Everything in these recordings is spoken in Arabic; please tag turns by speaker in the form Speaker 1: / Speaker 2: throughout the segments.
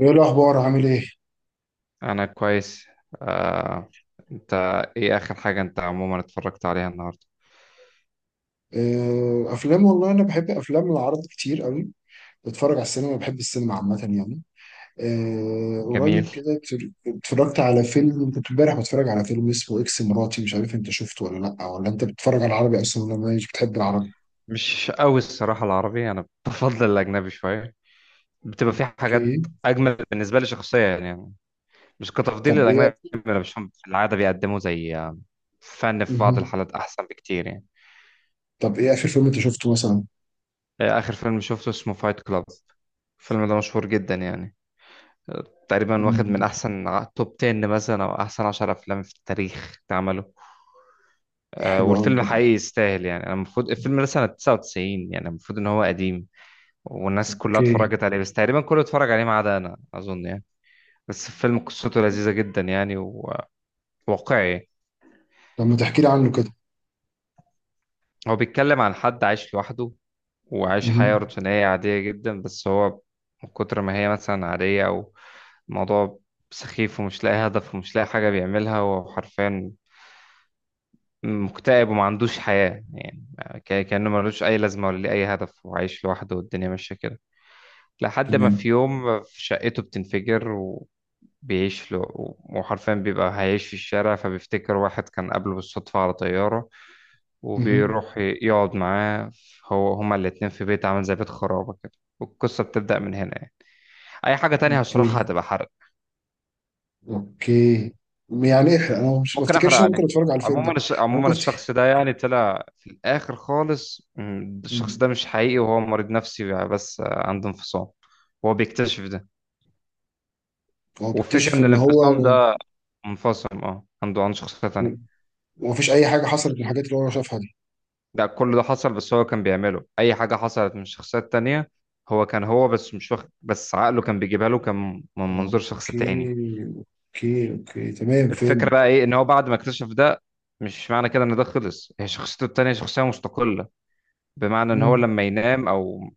Speaker 1: ايه الاخبار؟ عامل ايه؟
Speaker 2: انا كويس. آه، انت؟ ايه اخر حاجة انت عموما اتفرجت عليها النهاردة؟
Speaker 1: افلام، والله انا بحب افلام العرض كتير قوي. بتفرج على السينما، بحب السينما عامه يعني.
Speaker 2: جميل.
Speaker 1: قريب كده اتفرجت على فيلم. كنت امبارح بتفرج على فيلم اسمه اكس مراتي، مش عارف انت شفته ولا لا، ولا انت بتتفرج على العربي اصلا ولا مش بتحب العربي؟
Speaker 2: مش قوي الصراحة العربي، انا بفضل الاجنبي شوية. بتبقى في حاجات
Speaker 1: اوكي.
Speaker 2: اجمل بالنسبة لي شخصيا يعني. مش كتفضيل
Speaker 1: طب
Speaker 2: للاجنبي.
Speaker 1: ايه؟
Speaker 2: انا بشوفهم في العادة بيقدموا زي فن في بعض
Speaker 1: مه.
Speaker 2: الحالات احسن بكتير يعني.
Speaker 1: طب ايه اخر فيلم انت شفته مثلا؟
Speaker 2: اخر فيلم شفته اسمه فايت كلاب. الفيلم ده مشهور جدا يعني. تقريبا واخد من
Speaker 1: مم.
Speaker 2: احسن توب 10 مثلا او احسن 10 افلام في التاريخ اتعملوا.
Speaker 1: حلو قوي،
Speaker 2: والفيلم
Speaker 1: طب.
Speaker 2: حقيقي يستاهل يعني، انا المفروض الفيلم ده سنة 99. يعني المفروض ان هو قديم. والناس كلها
Speaker 1: اوكي.
Speaker 2: اتفرجت عليه بس تقريبا كله اتفرج عليه ما عدا انا اظن يعني. بس الفيلم قصته لذيذة جدا يعني. وواقعي.
Speaker 1: طب ما تحكي لي عنه كده.
Speaker 2: هو بيتكلم عن حد عايش لوحده. وعايش
Speaker 1: مه.
Speaker 2: حياة روتينية عادية جدا بس هو من كتر ما هي مثلا عادية او الموضوع سخيف ومش لاقي هدف ومش لاقي حاجة بيعملها. هو حرفيا مكتئب وما عندوش حياة يعني. كأنه ملوش أي لازمة ولا ليه أي هدف وعايش لوحده والدنيا ماشية كده. لحد ما في
Speaker 1: تمام.
Speaker 2: يوم في شقته بتنفجر. وبيعيش له. وحرفيا بيبقى هيعيش في الشارع، فبيفتكر واحد كان قابله بالصدفة على طيارة.
Speaker 1: مه.
Speaker 2: وبيروح يقعد معاه. هو هما الاتنين في بيت عامل زي بيت خرابة كده. والقصة بتبدأ من هنا يعني. أي حاجة تانية هشرحها
Speaker 1: اوكي،
Speaker 2: هتبقى حرق.
Speaker 1: اوكي. يعني انا مش
Speaker 2: ممكن
Speaker 1: بفتكرش
Speaker 2: أحرق
Speaker 1: إن انا ممكن
Speaker 2: عليه.
Speaker 1: اتفرج على الفيلم ده. انا
Speaker 2: عموما
Speaker 1: ممكن افتكر.
Speaker 2: الشخص ده يعني طلع في الآخر خالص. الشخص ده
Speaker 1: مم.
Speaker 2: مش حقيقي وهو مريض نفسي، بس عنده انفصام. هو بيكتشف ده.
Speaker 1: هو
Speaker 2: والفكرة
Speaker 1: بيكتشف
Speaker 2: إن
Speaker 1: ان هو
Speaker 2: الانفصام ده منفصل، اه، عنده شخصية تانية.
Speaker 1: ما فيش اي حاجه حصلت من الحاجات اللي هو شافها دي.
Speaker 2: ده كل ده حصل، بس هو كان بيعمله، أي حاجة حصلت من شخصيات تانية. هو كان هو، بس مش واخد، بس عقله كان بيجيبها له كان من منظور شخص
Speaker 1: اوكي،
Speaker 2: تاني.
Speaker 1: اوكي، اوكي تمام،
Speaker 2: الفكرة
Speaker 1: فهم.
Speaker 2: بقى إيه، إن هو بعد ما اكتشف ده مش معنى كده إن ده خلص. هي شخصيته التانية شخصية مستقلة. بمعنى إن هو
Speaker 1: مم.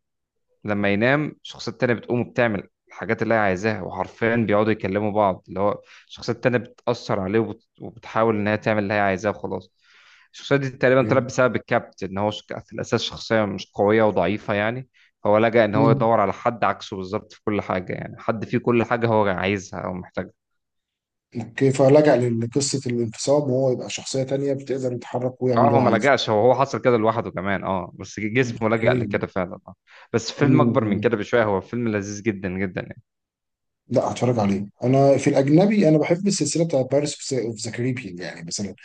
Speaker 2: لما ينام الشخصية التانية بتقوم وبتعمل الحاجات اللي هي عايزاها. وحرفيا بيقعدوا يكلموا بعض، اللي هو الشخصية التانية بتأثر عليه، وبتحاول إن هي تعمل اللي هي عايزاه وخلاص. الشخصية دي تقريبا
Speaker 1: اوكي.
Speaker 2: طلعت بسبب الكابت، إن هو في الأساس شخصية مش قوية وضعيفة يعني. فهو لجأ إن هو
Speaker 1: مم.
Speaker 2: يدور على حد عكسه بالظبط في كل حاجة، يعني حد فيه كل حاجة هو عايزها أو محتاجها.
Speaker 1: اوكي، فلجأ لقصه الانفصام وهو يبقى شخصيه تانية بتقدر يتحرك ويعمل
Speaker 2: اه،
Speaker 1: اللي هو
Speaker 2: هو ما
Speaker 1: عايزه.
Speaker 2: لجأش، هو حصل كده لوحده كمان اه، بس جسمه لجأ
Speaker 1: اوكي.
Speaker 2: لكده فعلا اه. بس فيلم أكبر من
Speaker 1: مم.
Speaker 2: كده بشوية، هو فيلم لذيذ جدا جدا يعني.
Speaker 1: لا، هتفرج عليه. انا في الاجنبي انا بحب السلسله بتاعت بارس اوف ذا كاريبيان يعني مثلا.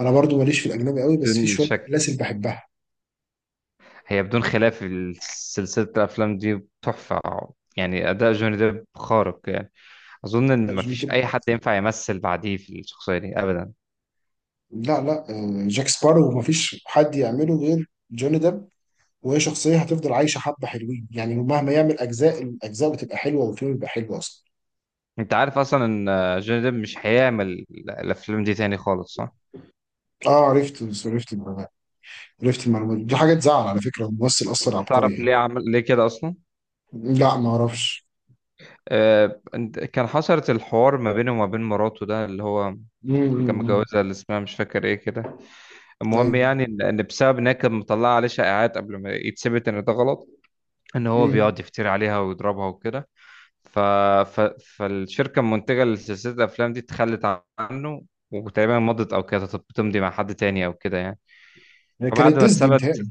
Speaker 1: انا برضو ماليش في الاجنبي قوي بس في
Speaker 2: فيلم
Speaker 1: شويه
Speaker 2: شك.
Speaker 1: سلاسل بحبها.
Speaker 2: هي بدون خلاف سلسلة الأفلام دي تحفة. يعني أداء جوني ديب خارق يعني. أظن
Speaker 1: لا،
Speaker 2: إن
Speaker 1: جوني
Speaker 2: مفيش أي
Speaker 1: ديب.
Speaker 2: حد ينفع يمثل بعديه في الشخصية دي أبدا.
Speaker 1: لا، لا، جاك سبارو مفيش حد يعمله غير جوني ديب. وهي شخصية هتفضل عايشة حبة حلوين يعني، مهما يعمل أجزاء، الأجزاء بتبقى حلوة والفيلم بيبقى حلو أصلا.
Speaker 2: أنت عارف أصلا إن جوني ديب مش هيعمل الأفلام دي تاني خالص صح؟
Speaker 1: اه، عرفت عرفت المعلومات. عرفت المعلومات دي حاجة تزعل على فكرة، الممثل أصلا عبقري
Speaker 2: تعرف
Speaker 1: يعني.
Speaker 2: ليه عمل ليه كده أصلا؟
Speaker 1: لا، ما أعرفش.
Speaker 2: كان حصلت الحوار ما بينه وما بين مراته، ده اللي هو
Speaker 1: مم، مم،
Speaker 2: كان
Speaker 1: مم.
Speaker 2: متجوزها اللي اسمها مش فاكر إيه كده. المهم
Speaker 1: أيوه.
Speaker 2: يعني إن بسبب إنها كانت مطلعة عليه شائعات قبل ما يتثبت إن ده غلط. إن هو
Speaker 1: مم.
Speaker 2: بيقعد يفتري عليها ويضربها وكده. ف... ف... فالشركة المنتجة لسلسلة الأفلام دي اتخلت عنه. وتقريبا مضت أو كانت بتمضي مع حد تاني أو كده يعني.
Speaker 1: هي
Speaker 2: فبعد
Speaker 1: كانت
Speaker 2: ما
Speaker 1: ديزني
Speaker 2: اتثبت.
Speaker 1: متهيألي.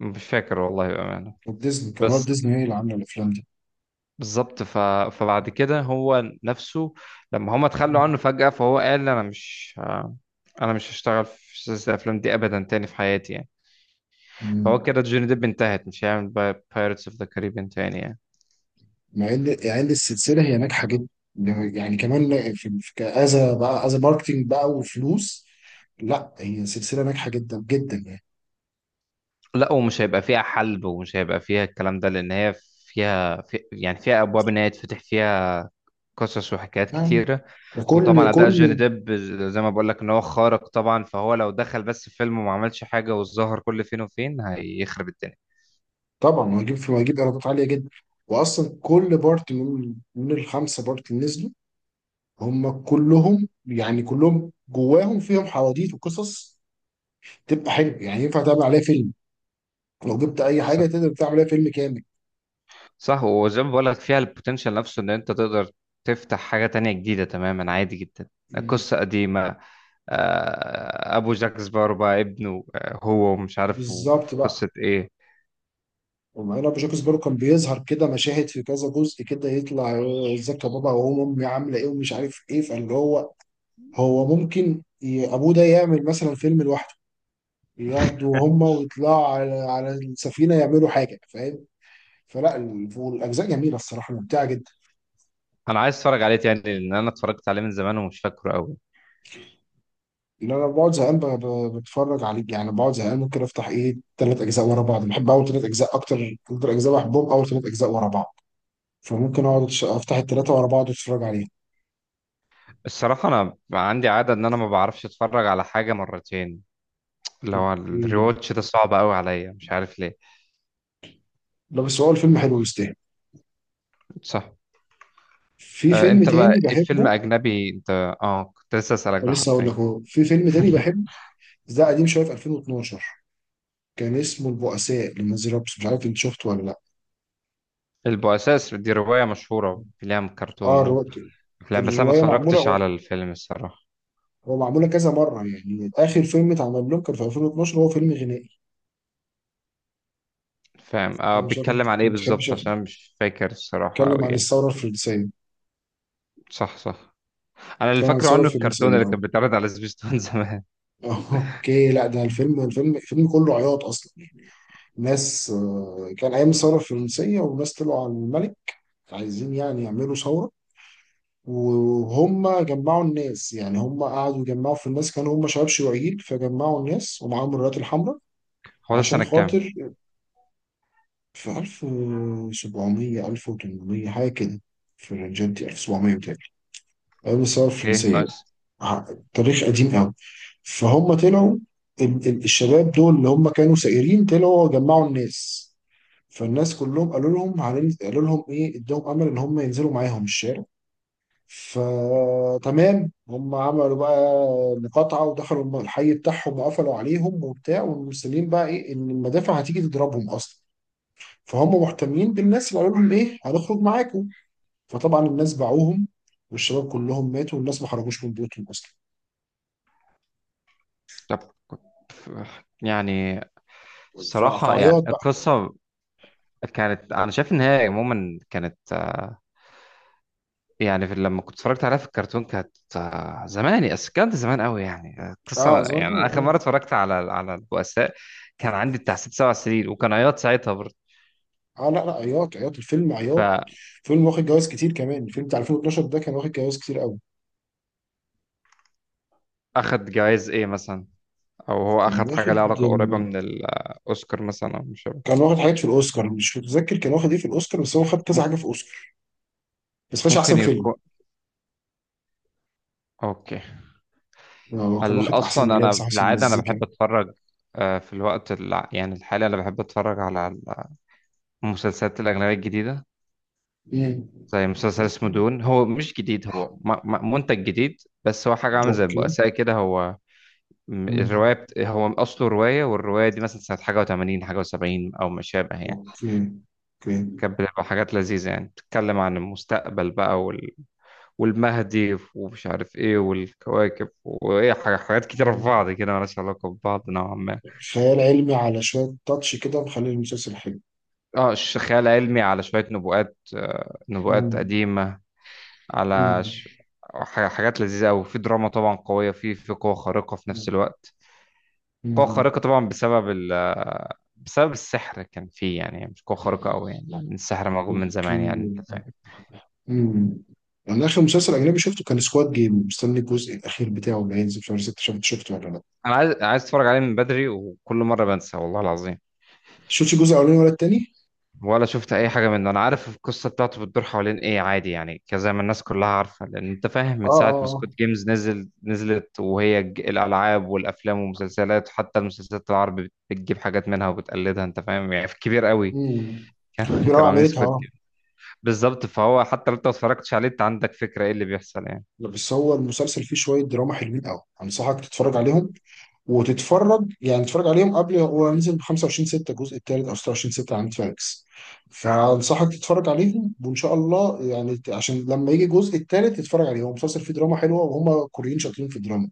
Speaker 2: مش فاكر والله بأمانة.
Speaker 1: كانت ديزني كانت
Speaker 2: بس
Speaker 1: ديزني هي اللي عاملة الأفلام دي.
Speaker 2: بالظبط. فبعد كده هو نفسه لما هما اتخلوا
Speaker 1: مم.
Speaker 2: عنه فجأة، فهو قال أنا مش هشتغل في سلسلة الأفلام دي أبدا تاني في حياتي يعني. فهو
Speaker 1: مم.
Speaker 2: كده جوني ديب انتهت، مش هيعمل بايرتس اوف ذا كاريبيان تاني يعني.
Speaker 1: مع ان يعني إن السلسله هي ناجحه جدا يعني. كمان في كأذا بقى، أذا ماركتينج بقى وفلوس. لا، هي سلسله ناجحه جدا جدا يعني.
Speaker 2: لا، ومش هيبقى فيها حلب، ومش هيبقى فيها الكلام ده، لان هي فيها يعني فيها ابواب ان هي يتفتح فيها قصص وحكايات
Speaker 1: نعم.
Speaker 2: كتيره.
Speaker 1: ده كل
Speaker 2: وطبعا اداء جوني
Speaker 1: كل.
Speaker 2: ديب زي ما بقول لك ان هو خارق طبعا، فهو لو دخل بس في فيلم وما عملش حاجه وظهر كل فين وفين هيخرب الدنيا.
Speaker 1: طبعا هجيب ايرادات عاليه جدا. واصلا كل بارت من الخمسه بارت اللي نزلوا، هم كلهم يعني كلهم جواهم فيهم حواديت وقصص. تبقى حلو، يعني ينفع تعمل عليها فيلم. لو جبت اي حاجه
Speaker 2: صح،
Speaker 1: تقدر تعمل عليها فيلم كامل.
Speaker 2: صح. وزي ما بقول لك فيها البوتنشال نفسه، ان انت تقدر تفتح حاجه تانية جديده تماما عادي جدا. قصه قديمه. ابو جاك سبارو بقى ابنه، هو ومش عارف
Speaker 1: بالظبط
Speaker 2: في
Speaker 1: بقى.
Speaker 2: قصه ايه.
Speaker 1: ومعانا بجوكسبورو كان بيظهر كده مشاهد في كذا جزء كده يطلع، ازيك يا بابا وهو امي عامله ايه ومش عارف ايه، فاللي هو، هو ممكن ابوه ده يعمل مثلا فيلم لوحده. ياخدوا هما ويطلعوا على السفينه يعملوا حاجه، فاهم؟ فلا، والاجزاء جميله الصراحه، ممتعه جدا.
Speaker 2: انا عايز اتفرج عليه تاني لان انا اتفرجت عليه من زمان ومش فاكره قوي.
Speaker 1: اللي انا بقعد زهقان بتفرج عليه يعني، بقعد زهقان ممكن افتح ايه ثلاث اجزاء ورا بعض، بحب اول ثلاث اجزاء اكتر. اكتر اجزاء بحبهم اول ثلاث اجزاء ورا بعض. فممكن اقعد افتح الثلاثه ورا بعض واتفرج عليهم.
Speaker 2: الصراحه انا عندي عاده ان انا ما بعرفش اتفرج على حاجه مرتين. اللي هو
Speaker 1: اوكي.
Speaker 2: الريواتش ده صعب قوي عليا مش عارف ليه.
Speaker 1: لا بس هو الفيلم حلو يستاهل.
Speaker 2: صح.
Speaker 1: في
Speaker 2: آه،
Speaker 1: فيلم
Speaker 2: انت بقى
Speaker 1: تاني
Speaker 2: ايه فيلم
Speaker 1: بحبه.
Speaker 2: اجنبي انت؟ اه، كنت لسه اسالك ده
Speaker 1: ولسه هقول لك
Speaker 2: حرفيا.
Speaker 1: اهو، في فيلم تاني بحب بس ده قديم شويه، في 2012. كان اسمه البؤساء لنانسي رابس، مش عارف انت شفته ولا لا.
Speaker 2: البؤساء دي روايه مشهوره، ليها كرتون
Speaker 1: اه، الروايه.
Speaker 2: وافلام، بس انا ما
Speaker 1: الروايه معموله،
Speaker 2: اتفرجتش
Speaker 1: هو
Speaker 2: على الفيلم الصراحه.
Speaker 1: هو معموله كذا مره، يعني اخر فيلم اتعمل لهم كان في 2012، هو فيلم غنائي.
Speaker 2: فاهم.
Speaker 1: انا مش عارف انت
Speaker 2: بيتكلم
Speaker 1: ما
Speaker 2: عن ايه
Speaker 1: بتحبش
Speaker 2: بالظبط؟ عشان
Speaker 1: الافلام.
Speaker 2: أنا مش فاكر الصراحه
Speaker 1: اتكلم
Speaker 2: قوي
Speaker 1: عن
Speaker 2: يعني.
Speaker 1: الثوره الفرنسيه.
Speaker 2: صح، صح. انا اللي
Speaker 1: اتكلم عن
Speaker 2: فاكره
Speaker 1: الثوره
Speaker 2: عنه الكرتون
Speaker 1: الفرنسيه،
Speaker 2: اللي
Speaker 1: اه.
Speaker 2: كان بيتعرض على سبيستون زمان.
Speaker 1: اوكي. لا ده الفيلم كله عياط اصلا. ناس، كان ايام الثوره الفرنسيه وناس طلعوا على الملك، عايزين يعني يعملوا ثورة. وهم جمعوا الناس، يعني هم قعدوا يجمعوا في الناس، كانوا هم شباب شيوعيين فجمعوا الناس ومعاهم الرايات الحمراء.
Speaker 2: هو ده في
Speaker 1: عشان
Speaker 2: سنه كام؟
Speaker 1: خاطر، في 1700، 1800 حاجة كده. في الرنجات دي 1700 بتاعي، أيام الثورة
Speaker 2: اوكي،
Speaker 1: الفرنسية يعني.
Speaker 2: نايس.
Speaker 1: ع- تاريخ قديم قوي. فهم طلعوا، الشباب دول اللي هم كانوا سائرين طلعوا جمعوا الناس. فالناس كلهم قالوا لهم قالوا لهم ايه، ادهم امل ان هم ينزلوا معاهم الشارع. فتمام هم عملوا بقى مقاطعة ودخلوا الحي بتاعهم وقفلوا عليهم وبتاع. والمسلمين بقى ايه ان المدافع هتيجي تضربهم اصلا، فهم محتمين بالناس اللي قالوا لهم ايه هنخرج معاكم. فطبعا الناس باعوهم والشباب كلهم ماتوا والناس ما خرجوش من بيوتهم اصلا.
Speaker 2: طب كنت يعني الصراحة يعني
Speaker 1: فعياط بقى.
Speaker 2: القصة كانت، أنا شايف إن هي عموما كانت، يعني في لما كنت اتفرجت عليها في الكرتون كانت زمان، بس كانت زمان قوي يعني. القصة
Speaker 1: اه زمان
Speaker 2: يعني أنا آخر
Speaker 1: اه.
Speaker 2: مرة اتفرجت على البؤساء كان عندي بتاع ست سبع سنين، وكان عياط ساعتها برضه.
Speaker 1: اه، لا، لا، عياط عياط، الفيلم عياط.
Speaker 2: فأخد.
Speaker 1: فيلم واخد جوائز كتير كمان، الفيلم بتاع 2012 ده كان واخد جوائز كتير قوي.
Speaker 2: جوائز إيه مثلا؟ أو هو
Speaker 1: كان
Speaker 2: أخد حاجة
Speaker 1: واخد.
Speaker 2: لها علاقة قريبة من الأوسكار مثلا، أو مش عارف.
Speaker 1: كان واخد حاجات في الاوسكار، مش متذكر كان واخد ايه في الاوسكار، بس هو خد كذا حاجه
Speaker 2: ممكن.
Speaker 1: في اوسكار. بس خدش احسن
Speaker 2: ممكن
Speaker 1: فيلم.
Speaker 2: يكون. أوكي.
Speaker 1: هو كان واخد احسن
Speaker 2: اصلا
Speaker 1: ملابس،
Speaker 2: انا في
Speaker 1: احسن
Speaker 2: العاده انا
Speaker 1: مزيكا.
Speaker 2: بحب اتفرج. في الوقت يعني الحالي، انا بحب اتفرج على المسلسلات الاجنبيه الجديده.
Speaker 1: مم.
Speaker 2: زي مسلسل اسمه دون، هو مش جديد، هو منتج جديد. بس هو حاجه عامل زي
Speaker 1: اوكي.
Speaker 2: البؤساء كده. هو
Speaker 1: مم.
Speaker 2: هو اصله روايه، والروايه دي مثلا سنه حاجه و80 حاجه و70 او ما شابه يعني.
Speaker 1: اوكي، اوكي.
Speaker 2: كانت بتبقى حاجات لذيذه يعني، بتتكلم عن المستقبل بقى والمهدي ومش عارف ايه والكواكب وايه حاجات كتيره في
Speaker 1: مم.
Speaker 2: بعض كده مالهاش علاقه ببعض نوعا ما.
Speaker 1: خيال علمي على شويه تاتش كده مخلي المسلسل حلو.
Speaker 2: اه، خيال علمي على شوية نبوءات، نبوءات
Speaker 1: مم.
Speaker 2: قديمة. على
Speaker 1: مم.
Speaker 2: ش... حاجات لذيذة أوي، في دراما طبعا قوية، في قوة خارقة في نفس الوقت. قوة
Speaker 1: مم.
Speaker 2: خارقة طبعا بسبب ال... آه، بسبب السحر كان فيه يعني، مش قوة خارقة أوي يعني. السحر موجود من
Speaker 1: اوكي.
Speaker 2: زمان يعني أنت فاهم.
Speaker 1: مم. انا اخر مسلسل اجنبي شفته كان سكواد جيم. مستني الجزء الاخير بتاعه اللي هينزل في شهر 6. شفته ولا لا؟
Speaker 2: أنا عايز أتفرج عليه من بدري وكل مرة بنسى والله العظيم.
Speaker 1: شفتش الجزء الاولاني ولا التاني؟
Speaker 2: ولا شفت اي حاجه منه. انا عارف القصه بتاعته بتدور حوالين ايه، عادي يعني كذا ما الناس كلها عارفه، لان انت فاهم
Speaker 1: اه،
Speaker 2: من ساعه ما
Speaker 1: اه.
Speaker 2: سكوت جيمز نزلت، وهي الالعاب والافلام والمسلسلات، حتى المسلسلات العربي بتجيب حاجات منها وبتقلدها. انت فاهم يعني؟ في كبير قوي.
Speaker 1: امم. في رعب
Speaker 2: كانوا عاملين
Speaker 1: عملتها،
Speaker 2: سكوت
Speaker 1: اه.
Speaker 2: جيمز. بالظبط، فهو حتى لو انت ما اتفرجتش عليه، انت عندك فكره ايه اللي بيحصل يعني.
Speaker 1: لا، بس هو المسلسل فيه شويه دراما حلوين قوي، انصحك تتفرج عليهم. وتتفرج يعني تتفرج عليهم قبل، هو نزل ب 25 6 الجزء الثالث او 26 6 على نتفليكس. فانصحك تتفرج عليهم وان شاء الله يعني عشان لما يجي الجزء الثالث تتفرج عليه. هو مسلسل فيه دراما حلوه وهم كوريين شاطرين في الدراما.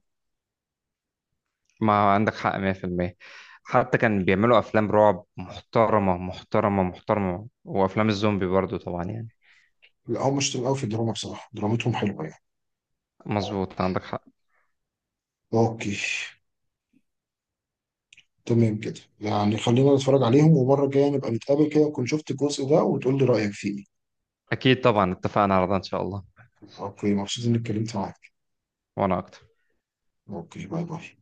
Speaker 2: ما عندك حق 100%. حتى كان بيعملوا افلام رعب محترمه محترمه محترمه، وافلام الزومبي برضو طبعا يعني.
Speaker 1: لا هم شاطرين قوي في الدراما بصراحه، درامتهم حلوه يعني.
Speaker 2: مظبوط، عندك حق.
Speaker 1: اوكي. تمام كده يعني، خلينا نتفرج عليهم ومره الجايه نبقى نتقابل كده نكون شفت الجزء ده وتقول لي رايك فيه.
Speaker 2: أكيد طبعا، اتفقنا على ده إن شاء الله.
Speaker 1: اوكي، مبسوط اني اتكلمت معاك.
Speaker 2: وأنا أكتر.
Speaker 1: اوكي، باي باي.